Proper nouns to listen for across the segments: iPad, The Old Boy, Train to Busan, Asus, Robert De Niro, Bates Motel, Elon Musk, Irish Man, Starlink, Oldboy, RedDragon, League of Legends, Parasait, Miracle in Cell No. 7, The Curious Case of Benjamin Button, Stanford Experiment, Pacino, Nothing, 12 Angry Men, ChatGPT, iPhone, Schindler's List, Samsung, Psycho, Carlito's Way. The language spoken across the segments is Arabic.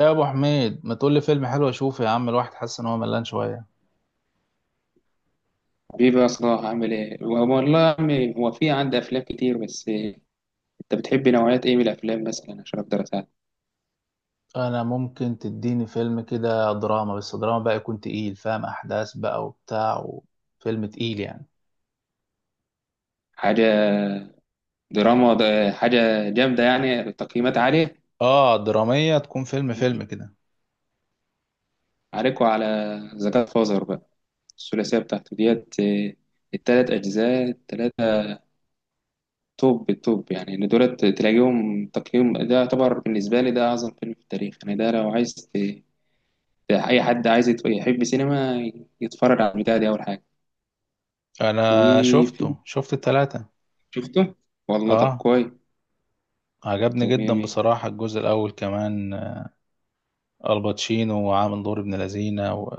يا ابو حميد، ما تقول لي فيلم حلو اشوفه؟ يا عم الواحد حاسس ان هو ملان شويه. بيبقى صلاح عامل ايه والله يا عمي، هو في عندي افلام كتير، بس انت بتحب نوعيات ايه من الافلام مثلا عشان اقدر اساعدك؟ انا ممكن تديني فيلم كده دراما، بس دراما بقى يكون تقيل، فاهم، احداث بقى وبتاع وفيلم تقيل يعني. حاجه. دراما ده حاجه جامده يعني، تقييمات عاليه. اه دراميه تكون فيلم فيلم كده. عليكوا على ذا جاد فازر بقى، الثلاثيه بتاعته ديت إيه، التلات اجزاء التلاته، توب التوب يعني. اللي دولت تلاقيهم تقييم، ده يعتبر بالنسبه لي ده اعظم فيلم في التاريخ يعني. ده لو عايز اي حد عايز يحب سينما يتفرج على البتاع دي اول حاجه. انا وفي شفت التلاتة. شفته. والله طب اه، كويس. عجبني طب مية جدا مية. بصراحه الجزء الاول كمان. الباتشينو وعامل دور ابن لذينه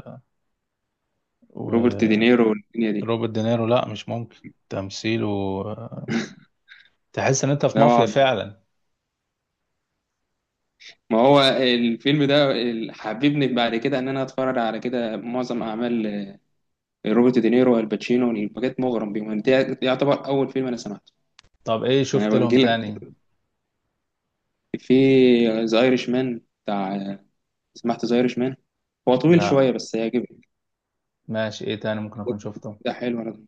روبرت وروبرت دينيرو والدنيا دي. دينيرو، لا مش ممكن تمثيله آه، تحس ان انت في اه، مافيا فعلا. ما هو الفيلم ده حببني بعد كده ان انا اتفرج على كده معظم اعمال روبرت دينيرو والباتشينو، بجد مغرم بيهم. ده يعتبر اول فيلم انا سمعته. طب ايه انا شفت لهم بنجي لك. تاني؟ في ذا ايرش مان بتاع، سمعت ذا ايرش مان؟ هو طويل لا، شويه بس هيعجبك. ماشي، ايه تاني ممكن اكون شفته؟ ده حلو. انا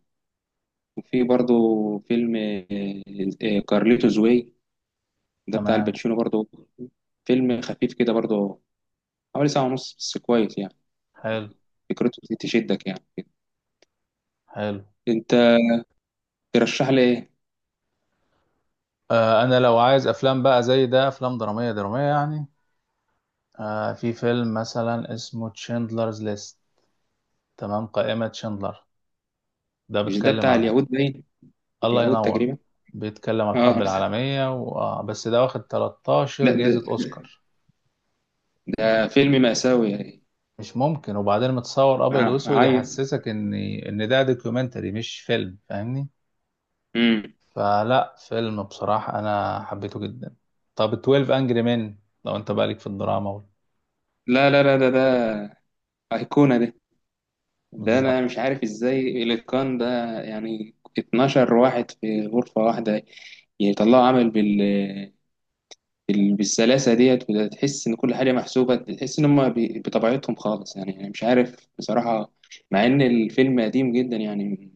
وفي برضو فيلم كارليتوز واي، ده بتاع تمام. الباتشينو برضو، فيلم خفيف كده برضو، حوالي ساعة ونص بس كويس يعني. حلو فكرته دي تشدك يعني كده. حلو. انت ترشح لي ايه؟ آه، انا لو عايز افلام بقى زي ده افلام درامية درامية يعني. في فيلم مثلا اسمه تشندلرز ليست، تمام، قائمة شندلر. ده مش ده بيتكلم بتاع على... اليهود باين، الله اليهود ينور. تقريبا. بيتكلم على الحرب اه، العالمية و... آه بس ده واخد 13 ده ده, جائزة اوسكار. ده فيلم مأساوي يعني. مش ممكن! وبعدين متصور ابيض اه واسود، هاي. يحسسك ان ده دوكيومنتري مش فيلم، فاهمني؟ امم فلا، فيلم بصراحة أنا حبيته جدا. طب 12 أنجري مان، لو أنت بالك في الدراما لا لا لا، ده ده أيقونة ده. ده انا بالظبط. مش عارف ازاي الاتقان ده. يعني 12 واحد في غرفة واحدة يطلعوا عمل بالسلاسة ديت، وتحس إن كل حاجة محسوبة، تحس إن هما بطبيعتهم خالص يعني. أنا مش عارف بصراحة، مع إن الفيلم قديم جدا يعني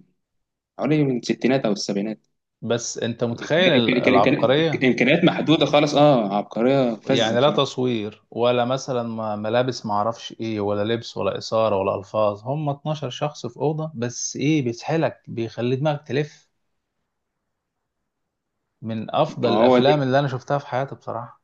حوالي من الستينات أو السبعينات. بس أنت متخيل العبقرية؟ إمكانيات محدودة خالص، أه عبقرية فذة يعني لا بصراحة. تصوير ولا مثلا ملابس معرفش إيه ولا لبس ولا إثارة ولا ألفاظ، هم 12 شخص في أوضة بس، إيه بيسحلك، بيخلي دماغك تلف. من ما أفضل هو الأفلام اللي دي. أنا شفتها في حياتي بصراحة.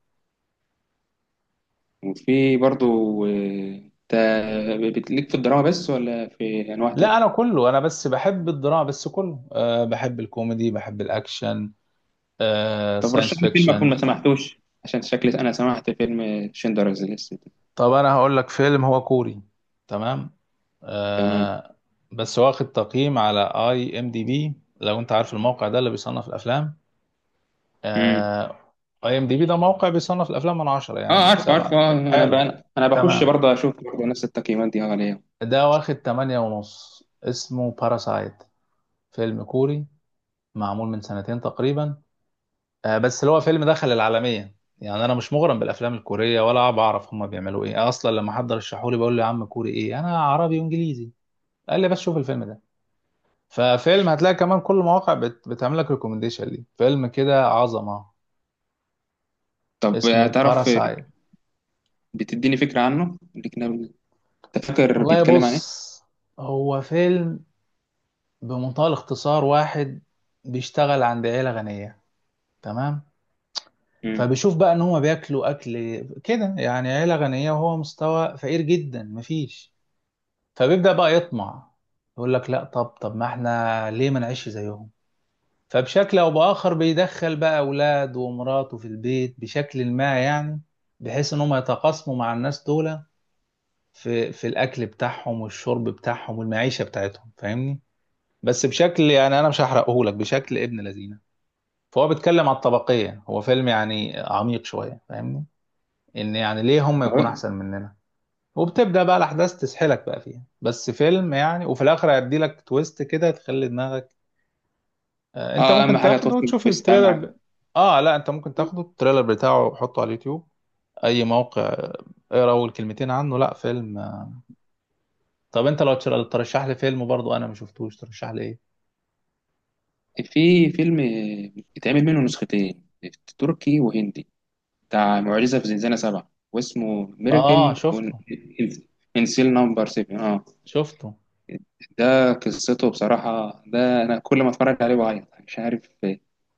وفي برضو، بتليك في الدراما بس ولا في أنواع لا، أنا تانية؟ كله، أنا بس بحب الدراما بس كله، بحب الكوميدي بحب الأكشن، طب رشح ساينس لي فيلم أكون فيكشن. ما سمحتوش عشان شكلي، أنا سمعت فيلم شندلرز ليست. طب انا هقول لك فيلم هو كوري. تمام. تمام. آه. بس واخد تقييم على اي ام دي بي، لو انت عارف الموقع ده اللي بيصنف الافلام. آه. اي ام دي بي ده موقع بيصنف الافلام من 10، اه يعني عارف عارف. ب7. اه انا حلو. انا بخش تمام. برضه اشوف برضه نفس التقييمات دي عليه. ده واخد 8.5، اسمه باراسايت. فيلم كوري، معمول من سنتين تقريبا. بس اللي هو فيلم دخل العالمية، يعني انا مش مغرم بالافلام الكورية ولا بعرف هما بيعملوا ايه اصلا. لما حد رشحولي بقول له يا عم كوري ايه، انا عربي وانجليزي. قال لي بس شوف الفيلم ده. ففيلم هتلاقي كمان كل المواقع بتعمل لك ريكومنديشن ليه، فيلم كده عظمة. طب اسمه تعرف، باراسايت. بتديني فكره عنه الاجنبي ده؟ انت فاكر والله بيتكلم عن بص، ايه؟ هو فيلم بمنتهى الاختصار: واحد بيشتغل عند عيلة غنية. تمام. امم فبيشوف بقى ان هما بياكلوا اكل كده يعني عيلة غنية، وهو مستوى فقير جدا، مفيش. فبيبدأ بقى يطمع، يقول لك لا، طب ما احنا ليه ما نعيش زيهم. فبشكل او باخر بيدخل بقى اولاده ومراته في البيت بشكل ما يعني، بحيث ان هم يتقاسموا مع الناس دول في الاكل بتاعهم والشرب بتاعهم والمعيشه بتاعتهم، فاهمني؟ بس بشكل، يعني انا مش هحرقه لك، بشكل ابن لذينه. فهو بيتكلم على الطبقيه، هو فيلم يعني عميق شويه فاهمني، ان يعني ليه هم يكونوا اه. احسن مننا. وبتبدا بقى الاحداث تسحلك بقى فيها، بس فيلم يعني، وفي الاخر هيدي لك تويست كده تخلي دماغك. انت اهم ممكن حاجه تاخده توصل، وتشوف بس اهم التريلر حاجه. اه لا، انت ممكن تاخده التريلر بتاعه وحطه على اليوتيوب، اي موقع. اقرا اول كلمتين عنه، لا فيلم. طب انت لو ترشح لي فيلم برضو انا ما شفتوش، ترشح لي ايه؟ في فيلم اتعمل منه نسختين، تركي وهندي، بتاع معجزه في زنزانه سبعه واسمه اه، ميراكل، شفته. انسيل نمبر 7. اه، شفته. ده قصته بصراحه، ده انا كل ما اتفرج عليه بعيط مش عارف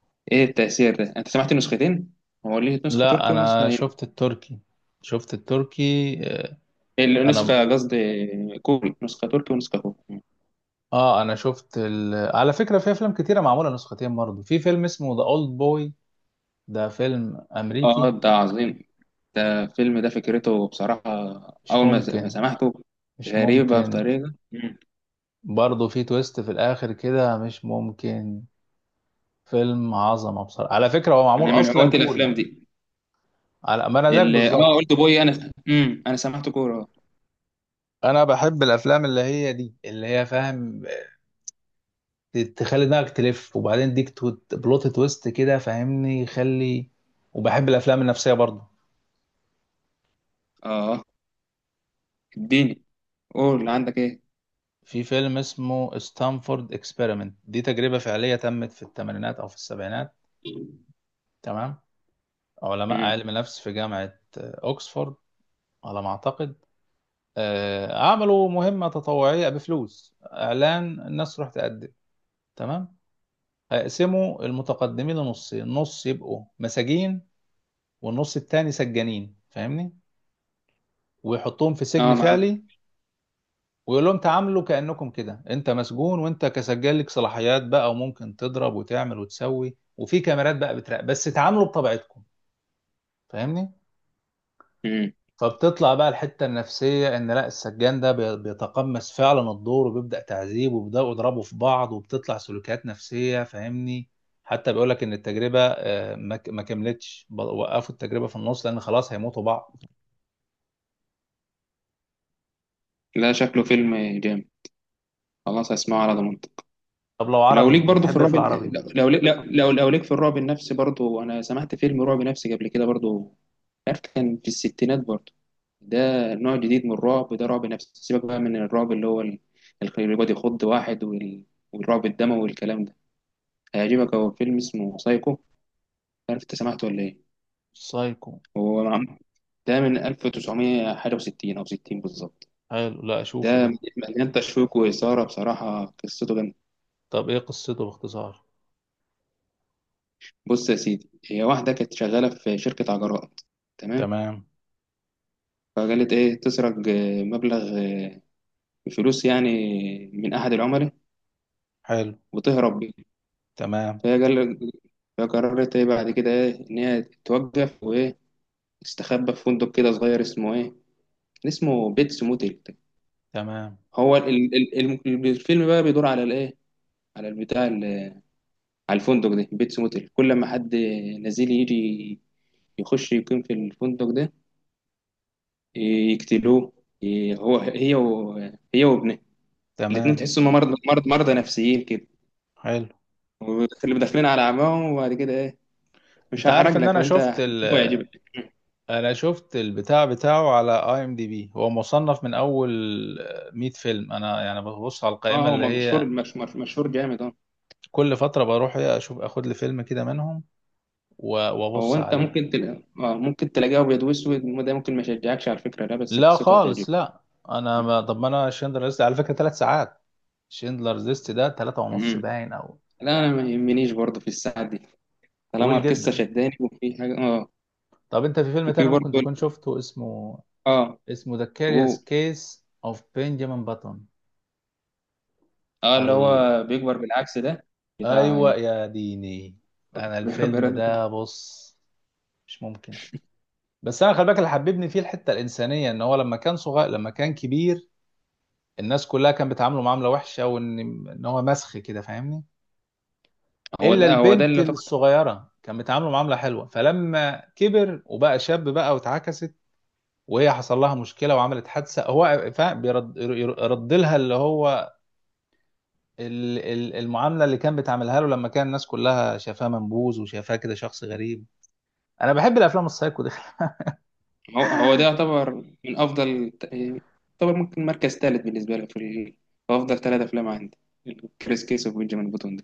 ايه التأثير ده. انت سمعت نسختين؟ هو ليه نسخة لا، تركي ونسخة انا هندي شفت التركي. شفت التركي. آه، انا. نسخة قصدي كوري، نسخة تركي ونسخة كوري. اه انا شفت على فكرة في افلام كتيرة معمولة نسختين برضو. في فيلم اسمه ذا اولد بوي، ده فيلم اه امريكي. ده عظيم. ده الفيلم ده فكرته بصراحة، مش اول ما ممكن. سمعته، مش غريبة ممكن. بطريقة. مم. برضه في تويست في الاخر كده، مش ممكن. فيلم عظمه بصراحه، على فكره هو معمول انا من هواة اصلا كوري. الافلام دي، على ما انا زيك اه بالظبط. اولد بوي. انا انا سمعت كورة. انا بحب الافلام اللي هي دي اللي هي فاهم، تخلي دماغك تلف، وبعدين ديك بلوت تويست كده فاهمني، يخلي. وبحب الافلام النفسيه برضه. اه اديني، قول عندك ايه. في فيلم اسمه ستانفورد اكسبيرمنت، دي تجربه فعليه تمت في الثمانينات او في السبعينات. تمام. علماء امم علم نفس في جامعه اوكسفورد على ما اعتقد. عملوا مهمة تطوعية بفلوس، إعلان الناس تروح تقدم. تمام. هيقسموا المتقدمين لنصين، نص يبقوا مساجين والنص التاني سجانين فاهمني، ويحطوهم في اه سجن معاك. فعلي. ويقول لهم تعاملوا كأنكم كده انت مسجون وانت كسجان لك صلاحيات بقى، وممكن تضرب وتعمل وتسوي، وفي كاميرات بقى بتراقب، بس تعاملوا بطبيعتكم فاهمني. امم فبتطلع بقى الحتة النفسية إن لا السجان ده بيتقمص فعلا الدور، وبيبدأ تعذيب وبيبدأوا يضربوا في بعض وبتطلع سلوكيات نفسية فاهمني. حتى بيقولك إن التجربة ما كملتش، وقفوا التجربة في النص لأن خلاص هيموتوا بعض. لا شكله فيلم جامد، خلاص هسمعه على ضمانتك. طب لو لو عربي ليك برضو في بتحب إيه في الرعب، العربي؟ لو لو ليك في الرعب النفسي برضو، انا سمعت فيلم رعب نفسي قبل كده برضو، عارف، كان في الستينات برضو. ده نوع جديد من الرعب، ده رعب نفسي، سيبك بقى من الرعب اللي هو اللي بيقعد يخض واحد، والرعب الدموي والكلام ده. هيعجبك، هو فيلم اسمه سايكو، عارف انت سمعته ولا ايه؟ سايكو. هو ده من 1900 حاجة وستين او 60 بالظبط. حلو، لا ده أشوفه ده. مليان تشويق وإثارة بصراحة، قصته، طب إيه قصته باختصار؟ بص يا سيدي، هي واحدة كانت شغالة في شركة عجلات. تمام. تمام. فقالت إيه تسرق مبلغ، فلوس يعني، من أحد العملاء، حلو. وتهرب بيه. تمام. فهي قال، فقررت إيه بعد كده، إيه إن هي توقف، وإيه تستخبى في فندق كده صغير اسمه إيه، اسمه بيتس موتيل. تمام. هو الفيلم بقى بيدور على الإيه، على البتاع على الفندق ده بيتس موتيل. كل ما حد نزيل يجي يخش يقيم في الفندق ده يقتلوه، هو هي هي وابنه الاتنين، تمام. تحسوا هم مرضى نفسيين كده، حلو. واللي داخلين على عماهم. وبعد كده ايه مش انت عارف هحرج ان لك، انا وانت شفت هتشوفه يعجبك. انا شفت البتاع بتاعه على اي ام دي بي، هو مصنف من اول 100 فيلم. انا يعني ببص على اه القائمه هو اللي مشهور، هي مشهور جامد اه. كل فتره بروح إيه اشوف، اخد لي فيلم كده منهم هو وابص انت عليه. ممكن تلاقي، اه ممكن تلاقيه ابيض واسود، وده ممكن ما يشجعكش على الفكره ده، بس لا قصته خالص هتعجبك. لا. انا ما، طب ما انا، شندلر ليست على فكره 3 ساعات. شندلر ليست ده 3.5 مم. باين او. لا انا ما يهمنيش برضه في الساعه دي، طالما طويل القصه جدا. شداني وفي حاجه اه. طب انت في فيلم وفي تاني برضه ممكن تكون شفته اسمه اه اسمه ذا كاريوس جو. كيس اوف بنجامين باتون. اه اللي ال... هو بيكبر بالعكس ده، ايوه بتاع. يا ديني. انا الفيلم براد. ده بص، مش ممكن. بس انا خلي بالك اللي حببني فيه الحته الانسانيه ان هو لما كان صغير، لما كان كبير، الناس كلها كانت بتعامله معامله وحشه، وان هو مسخ كده فاهمني. هو الا ده هو ده اللي البنت يعتبر، الصغيره كان بتعامله معامله حلوه، فلما كبر وبقى شاب بقى واتعكست، وهي حصل لها مشكله وعملت حادثه، هو فاهم بيرد يرد لها اللي هو المعامله اللي كان بتعملها له لما كان الناس كلها شافاه منبوذ وشافاه كده شخص غريب. انا بحب الافلام السايكو دي. هو ده يعتبر من افضل، يعتبر ممكن مركز ثالث بالنسبه لي في، في افضل ثلاث افلام عندي، كريس كيس وبنجامين بوتون ده.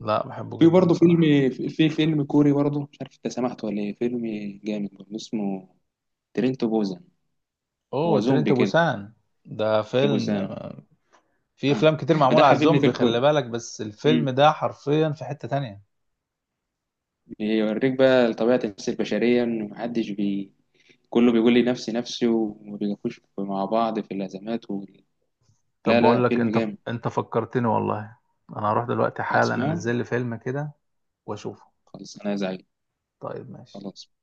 لا بحبه في جدا برضه فيلم، بصراحه. في فيلم كوري برضه، مش عارف انت سمعته ولا ايه، فيلم جامد برضه اسمه ترين تو بوزان. اوه هو ترينت زومبي كده، بوسان. ده دي فيلم، بوزانه. في افلام كتير ده معمولة على حببني في الزومبي خلي الكوري. بالك، بس الفيلم مم. ده حرفيا في حتة تانية. بيوريك بقى طبيعه النفس البشريه، انه محدش كله بيقول لي نفسي نفسي، وما بيقفوش مع بعض في الازمات طب لا لا بقول لك فيلم انت، جامد. انت فكرتني والله. انا هروح دلوقتي حالا هتسمعه. انزل لي فيلم كده واشوفه. خلاص انا زعيم. طيب، ماشي. خلاص.